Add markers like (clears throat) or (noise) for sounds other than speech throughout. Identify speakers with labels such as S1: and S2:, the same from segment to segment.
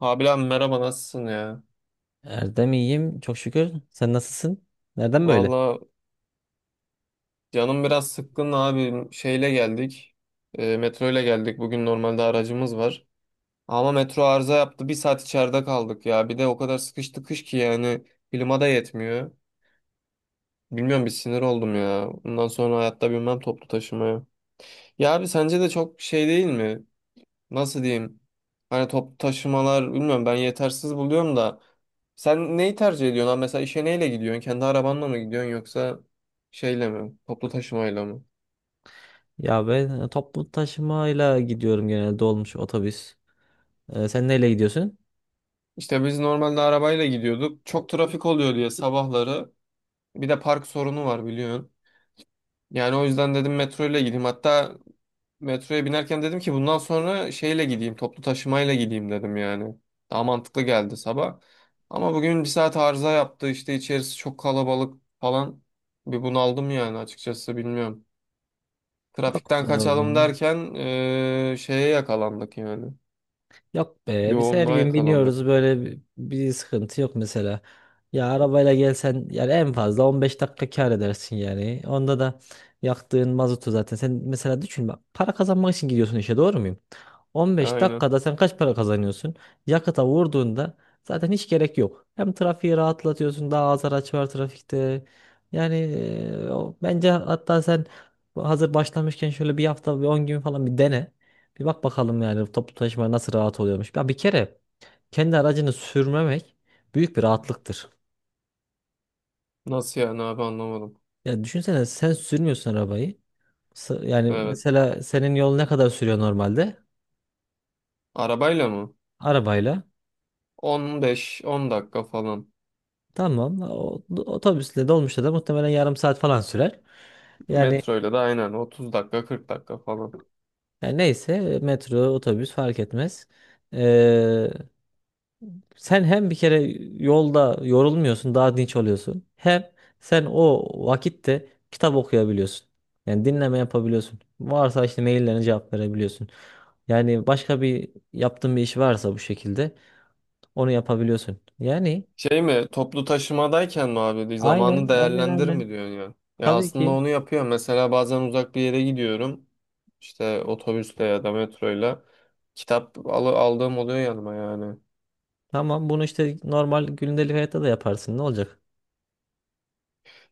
S1: Abi, merhaba, nasılsın ya?
S2: Erdem iyiyim çok şükür. Sen nasılsın? Nereden böyle?
S1: Valla, canım biraz sıkkın abi, şeyle geldik. Metro ile geldik. Bugün normalde aracımız var ama metro arıza yaptı. Bir saat içeride kaldık ya. Bir de o kadar sıkıştı kış ki yani klima da yetmiyor. Bilmiyorum, bir sinir oldum ya. Bundan sonra hayatta binmem toplu taşımaya. Ya abi, sence de çok şey değil mi? Nasıl diyeyim, hani top taşımalar bilmiyorum, ben yetersiz buluyorum da. Sen neyi tercih ediyorsun abi? Mesela işe neyle gidiyorsun, kendi arabanla mı gidiyorsun yoksa şeyle mi, toplu taşımayla mı?
S2: Ya ben toplu taşımayla gidiyorum genelde dolmuş otobüs. Sen neyle gidiyorsun?
S1: İşte biz normalde arabayla gidiyorduk, çok trafik oluyor diye sabahları. Bir de park sorunu var, biliyorsun. Yani o yüzden dedim metro ile gideyim. Hatta metroya binerken dedim ki bundan sonra şeyle gideyim, toplu taşımayla gideyim dedim yani. Daha mantıklı geldi sabah. Ama bugün bir saat arıza yaptı, işte içerisi çok kalabalık falan. Bir bunaldım yani, açıkçası bilmiyorum.
S2: Yok
S1: Trafikten
S2: be
S1: kaçalım
S2: oğlum.
S1: derken şeye yakalandık yani.
S2: Yok be biz her
S1: Yoğunluğa
S2: gün
S1: yakalandık.
S2: biniyoruz böyle bir sıkıntı yok mesela. Ya arabayla gelsen yani en fazla 15 dakika kar edersin yani. Onda da yaktığın mazotu zaten sen mesela düşün bak para kazanmak için gidiyorsun işe doğru muyum? 15
S1: Aynen.
S2: dakikada sen kaç para kazanıyorsun? Yakıta vurduğunda zaten hiç gerek yok. Hem trafiği rahatlatıyorsun, daha az araç var trafikte. Yani bence hatta sen hazır başlamışken şöyle bir hafta bir 10 gün falan bir dene. Bir bak bakalım yani toplu taşıma nasıl rahat oluyormuş. Ya bir kere kendi aracını sürmemek büyük bir rahatlıktır.
S1: Nasıl yani abi, anlamadım.
S2: Ya düşünsene sen sürmüyorsun arabayı. Yani
S1: Evet.
S2: mesela senin yol ne kadar sürüyor normalde?
S1: Arabayla mı?
S2: Arabayla.
S1: 15-10 dakika falan.
S2: Tamam. Otobüsle dolmuşla da muhtemelen yarım saat falan sürer. Yani,
S1: Metroyla da aynen 30 dakika, 40 dakika falan.
S2: yani neyse metro, otobüs fark etmez. Ee, Sen hem bir kere yolda yorulmuyorsun, daha dinç oluyorsun. Hem sen o vakitte kitap okuyabiliyorsun. Yani dinleme yapabiliyorsun. Varsa işte maillerine cevap verebiliyorsun. Yani başka yaptığın bir iş varsa bu şekilde onu yapabiliyorsun. Yani
S1: Şey mi, toplu taşımadayken mi abi zamanı
S2: aynen aynen
S1: değerlendir
S2: aynen.
S1: mi diyorsun ya? Ya
S2: Tabii
S1: aslında
S2: ki
S1: onu yapıyor. Mesela bazen uzak bir yere gidiyorum. İşte otobüsle ya da metroyla. Kitap aldığım oluyor yanıma yani.
S2: tamam bunu işte normal gündelik hayatta da yaparsın. Ne olacak?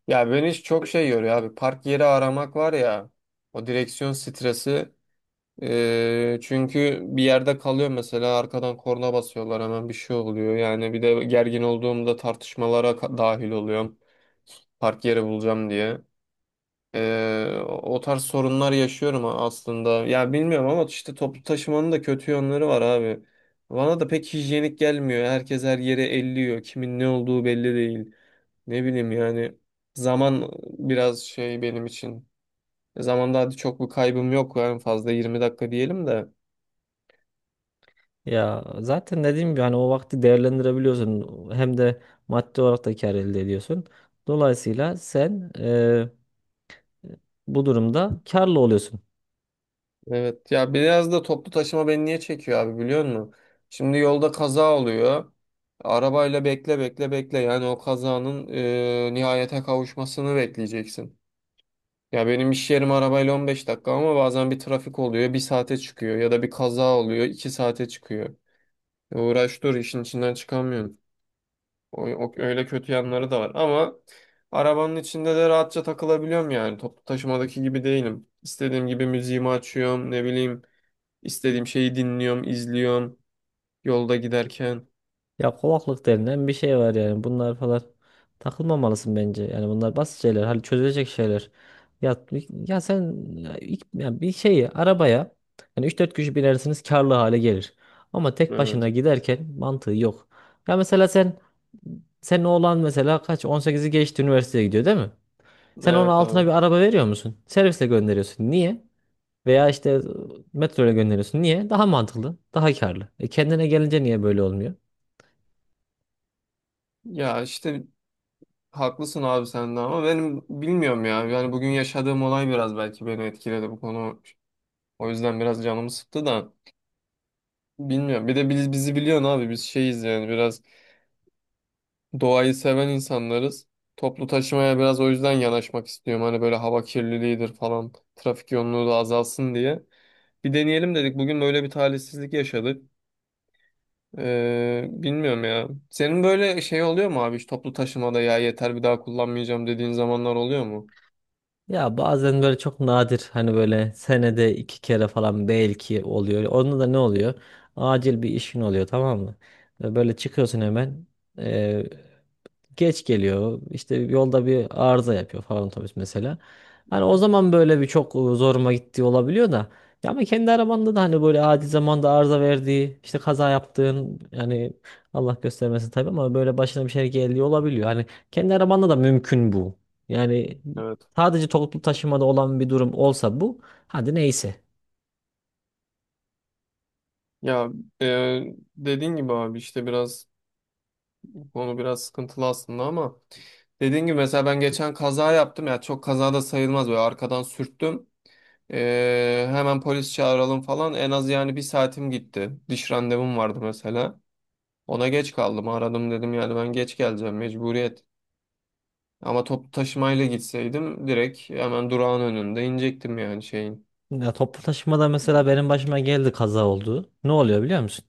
S1: Ya beni hiç çok şey yoruyor abi. Park yeri aramak var ya. O direksiyon stresi. Çünkü bir yerde kalıyor, mesela arkadan korna basıyorlar, hemen bir şey oluyor. Yani bir de gergin olduğumda tartışmalara dahil oluyorum. Park yeri bulacağım diye. O tarz sorunlar yaşıyorum aslında. Ya bilmiyorum, ama işte toplu taşımanın da kötü yönleri var abi. Bana da pek hijyenik gelmiyor. Herkes her yere elliyor. Kimin ne olduğu belli değil. Ne bileyim yani, zaman biraz şey benim için. Zamanda hadi çok bir kaybım yok, en fazla 20 dakika diyelim de.
S2: Ya zaten dediğim gibi hani o vakti değerlendirebiliyorsun. Hem de maddi olarak da kâr elde ediyorsun. Dolayısıyla sen bu durumda karlı oluyorsun.
S1: Evet ya, biraz da toplu taşıma beni niye çekiyor abi, biliyor musun? Şimdi yolda kaza oluyor. Arabayla bekle bekle bekle, yani o kazanın nihayete kavuşmasını bekleyeceksin. Ya benim iş yerim arabayla 15 dakika, ama bazen bir trafik oluyor bir saate çıkıyor, ya da bir kaza oluyor 2 saate çıkıyor. Uğraş dur, işin içinden çıkamıyorsun. Öyle kötü yanları da var, ama arabanın içinde de rahatça takılabiliyorum, yani toplu taşımadaki gibi değilim. İstediğim gibi müziğimi açıyorum, ne bileyim. İstediğim şeyi dinliyorum, izliyorum yolda giderken.
S2: Ya kovaklık denilen bir şey var yani. Bunlar falan takılmamalısın bence. Yani bunlar basit şeyler. Hani çözülecek şeyler. Ya, ya bir şeyi arabaya yani üç dört kişi binersiniz karlı hale gelir. Ama tek başına
S1: Evet.
S2: giderken mantığı yok. Ya mesela sen Senin oğlan mesela kaç on sekizi geçti, üniversiteye gidiyor değil mi? Sen onun
S1: Evet
S2: altına bir
S1: abi.
S2: araba veriyor musun? Servisle gönderiyorsun. Niye? Veya işte metro gönderiyorsun. Niye? Daha mantıklı, daha karlı. E kendine gelince niye böyle olmuyor?
S1: Ya işte haklısın abi sen de, ama benim bilmiyorum ya. Yani bugün yaşadığım olay biraz belki beni etkiledi bu konu. O yüzden biraz canımı sıktı da bilmiyorum. Bir de bizi biliyorsun abi, biz şeyiz yani biraz doğayı seven insanlarız. Toplu taşımaya biraz o yüzden yanaşmak istiyorum. Hani böyle hava kirliliğidir falan. Trafik yoğunluğu da azalsın diye. Bir deneyelim dedik. Bugün böyle bir talihsizlik yaşadık. Bilmiyorum ya. Senin böyle şey oluyor mu abi? Hiç toplu taşımada ya yeter, bir daha kullanmayacağım dediğin zamanlar oluyor mu?
S2: Ya bazen böyle çok nadir hani böyle senede iki kere falan belki oluyor. Onda da ne oluyor? Acil bir işin oluyor, tamam mı? Böyle çıkıyorsun hemen. e, Geç geliyor. İşte yolda bir arıza yapıyor falan otobüs mesela. Hani o zaman böyle bir çok zoruma gittiği olabiliyor da. Ya ama kendi arabanda da hani böyle acil zamanda arıza verdiği, işte kaza yaptığın, yani Allah göstermesin tabii, ama böyle başına bir şey geldiği olabiliyor. Hani kendi arabanda da mümkün bu. Yani
S1: Evet.
S2: sadece toplu taşımada olan bir durum olsa bu, hadi neyse.
S1: Ya e, dediğin gibi abi, işte biraz bu konu biraz sıkıntılı aslında, ama dediğin gibi mesela ben geçen kaza yaptım ya, çok kaza da sayılmaz, böyle arkadan sürttüm. Hemen polis çağıralım falan, en az yani 1 saatim gitti. Diş randevum vardı mesela. Ona geç kaldım, aradım dedim yani ben geç geleceğim, mecburiyet. Ama toplu taşımayla gitseydim direkt hemen durağın önünde inecektim yani şeyin.
S2: Ya toplu taşımada mesela benim başıma geldi, kaza oldu. Ne oluyor biliyor musun?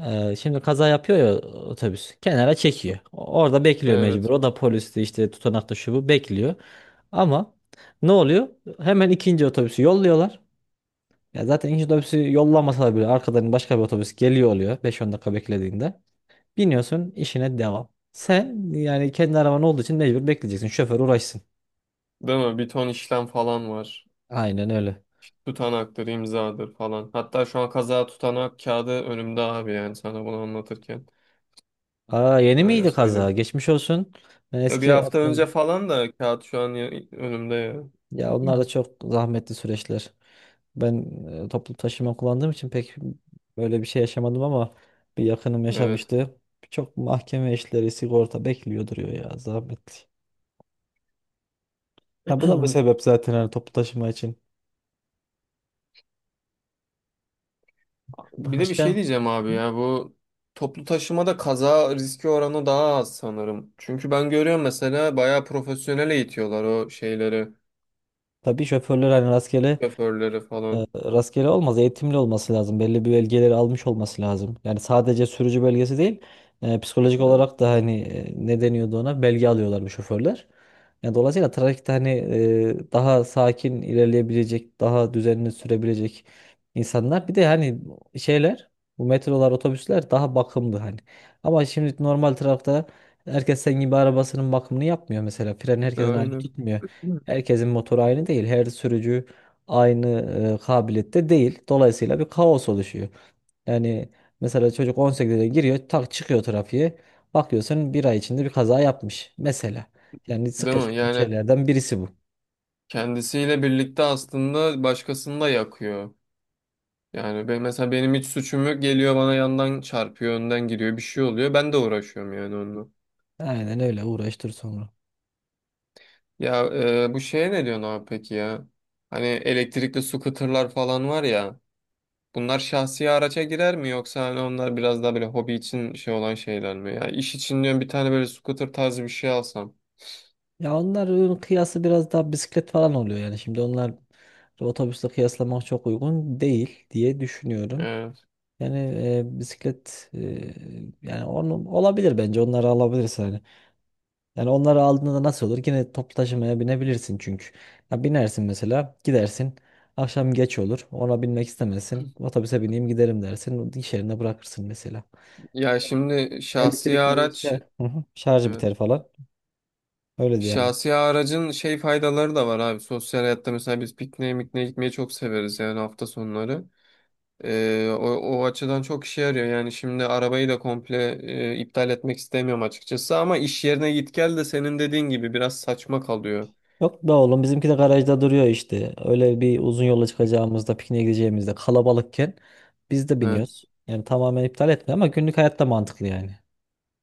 S2: Şimdi kaza yapıyor ya otobüs. Kenara çekiyor. Orada bekliyor mecbur.
S1: Evet.
S2: O da poliste işte tutanakta şu bu bekliyor. Ama ne oluyor? Hemen ikinci otobüsü yolluyorlar. Ya zaten ikinci otobüsü yollamasalar bile arkadan başka bir otobüs geliyor oluyor beş on dakika beklediğinde. Biniyorsun, işine devam. Sen yani kendi araban olduğu için mecbur bekleyeceksin. Şoför uğraşsın.
S1: Değil mi? Bir ton işlem falan var.
S2: Aynen öyle.
S1: Tutanaktır, imzadır falan. Hatta şu an kaza tutanağı kağıdı önümde abi, yani sana bunu anlatırken.
S2: Aa, yeni
S1: Öyle
S2: miydi kaza?
S1: söyleyeyim.
S2: Geçmiş olsun. Ben
S1: Ya bir
S2: eski
S1: hafta önce
S2: yaptım.
S1: falan da, kağıt şu an önümde ya.
S2: Ya onlar da çok zahmetli süreçler. Ben toplu taşıma kullandığım için pek böyle bir şey yaşamadım ama bir yakınım
S1: Evet.
S2: yaşamıştı. Çok mahkeme işleri, sigorta bekliyor duruyor ya, zahmetli. Ha, bu da bir sebep
S1: (clears throat)
S2: zaten hani toplu taşıma için.
S1: Bir de bir şey
S2: Başka?
S1: diyeceğim abi, ya bu toplu taşımada kaza riski oranı daha az sanırım. Çünkü ben görüyorum, mesela bayağı profesyonel eğitiyorlar o şeyleri,
S2: Tabii şoförler hani rastgele
S1: şoförleri falan.
S2: rastgele olmaz. Eğitimli olması lazım. Belli bir belgeleri almış olması lazım. Yani sadece sürücü belgesi değil, psikolojik
S1: Evet,
S2: olarak da hani ne deniyordu ona? Belge alıyorlar bu şoförler. Yani dolayısıyla trafikte hani daha sakin ilerleyebilecek, daha düzenli sürebilecek insanlar. Bir de hani şeyler, bu metrolar, otobüsler daha bakımlı hani. Ama şimdi normal trafikte herkes senin gibi arabasının bakımını yapmıyor mesela. Fren herkesin aynı
S1: aynen.
S2: tutmuyor. Herkesin motoru aynı değil. Her sürücü aynı kabiliyette değil. Dolayısıyla bir kaos oluşuyor. Yani mesela çocuk 18'de giriyor, tak çıkıyor trafiğe. Bakıyorsun bir ay içinde bir kaza yapmış mesela. Yani sık
S1: Değil mi?
S2: yaşadığım
S1: Yani
S2: şeylerden birisi bu.
S1: kendisiyle birlikte aslında başkasını da yakıyor. Yani ben mesela, benim hiç suçum yok, geliyor bana yandan çarpıyor, önden gidiyor, bir şey oluyor. Ben de uğraşıyorum yani onunla.
S2: Aynen öyle, uğraştır sonra.
S1: Ya bu şeye ne diyorsun abi peki ya? Hani elektrikli scooter'lar falan var ya. Bunlar şahsi araca girer mi, yoksa hani onlar biraz daha böyle hobi için şey olan şeyler mi? Ya iş için diyorum, bir tane böyle scooter tarzı bir şey alsam.
S2: Ya onların kıyası biraz daha bisiklet falan oluyor yani. Şimdi onlar otobüsle kıyaslamak çok uygun değil diye düşünüyorum.
S1: Evet.
S2: Yani bisiklet, yani onu olabilir, bence onları alabilirsin hani. Yani onları aldığında nasıl olur? Yine toplu taşımaya binebilirsin çünkü. Ya binersin mesela, gidersin. Akşam geç olur. Ona binmek istemezsin. Otobüse bineyim giderim dersin. İş yerine bırakırsın mesela.
S1: Ya şimdi şahsi
S2: Elektrikli
S1: araç,
S2: işte. Hı hı. Şarjı biter
S1: evet.
S2: falan. Öyle de yani.
S1: Şahsi aracın şey faydaları da var abi. Sosyal hayatta mesela biz pikniğe mikniğe gitmeyi çok severiz yani hafta sonları. O açıdan çok işe yarıyor. Yani şimdi arabayı da komple iptal etmek istemiyorum açıkçası, ama iş yerine git gel de senin dediğin gibi biraz saçma kalıyor.
S2: Yok da oğlum, bizimki de garajda duruyor işte. Öyle bir uzun yola çıkacağımızda, pikniğe gideceğimizde, kalabalıkken biz de
S1: He,
S2: biniyoruz. Yani tamamen iptal etme ama günlük hayatta mantıklı yani.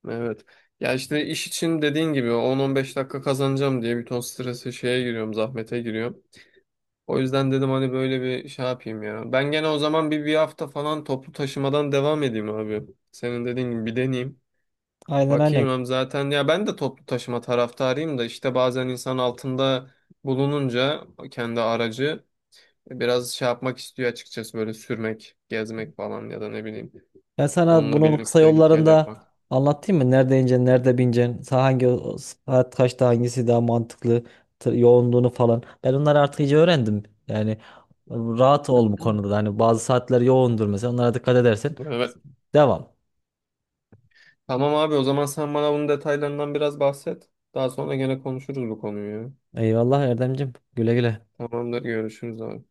S1: evet. Ya işte iş için, dediğin gibi, 10-15 dakika kazanacağım diye bir ton strese şeye giriyorum, zahmete giriyorum. O yüzden dedim hani böyle bir şey yapayım ya. Ben gene o zaman bir hafta falan toplu taşımadan devam edeyim abi. Senin dediğin gibi bir deneyeyim.
S2: Aynen.
S1: Bakayım hem, zaten ya ben de toplu taşıma taraftarıyım da, işte bazen insan altında bulununca kendi aracı biraz şey yapmak istiyor açıkçası, böyle sürmek, gezmek falan, ya da ne bileyim
S2: Ben sana
S1: onunla
S2: bunun kısa
S1: birlikte git gel
S2: yollarında
S1: yapmak.
S2: anlatayım mı? Nerede ineceksin, nerede bineceksin, hangi saat kaçta hangisi daha mantıklı, yoğunluğunu falan. Ben onları artık iyice öğrendim. Yani rahat ol bu konuda da.
S1: (clears throat)
S2: Hani bazı saatler yoğundur mesela. Onlara dikkat edersen
S1: Evet.
S2: devam.
S1: Tamam abi, o zaman sen bana bunun detaylarından biraz bahset. Daha sonra gene konuşuruz bu konuyu ya.
S2: Eyvallah Erdemcim. Güle güle.
S1: Tamamdır, görüşürüz abi.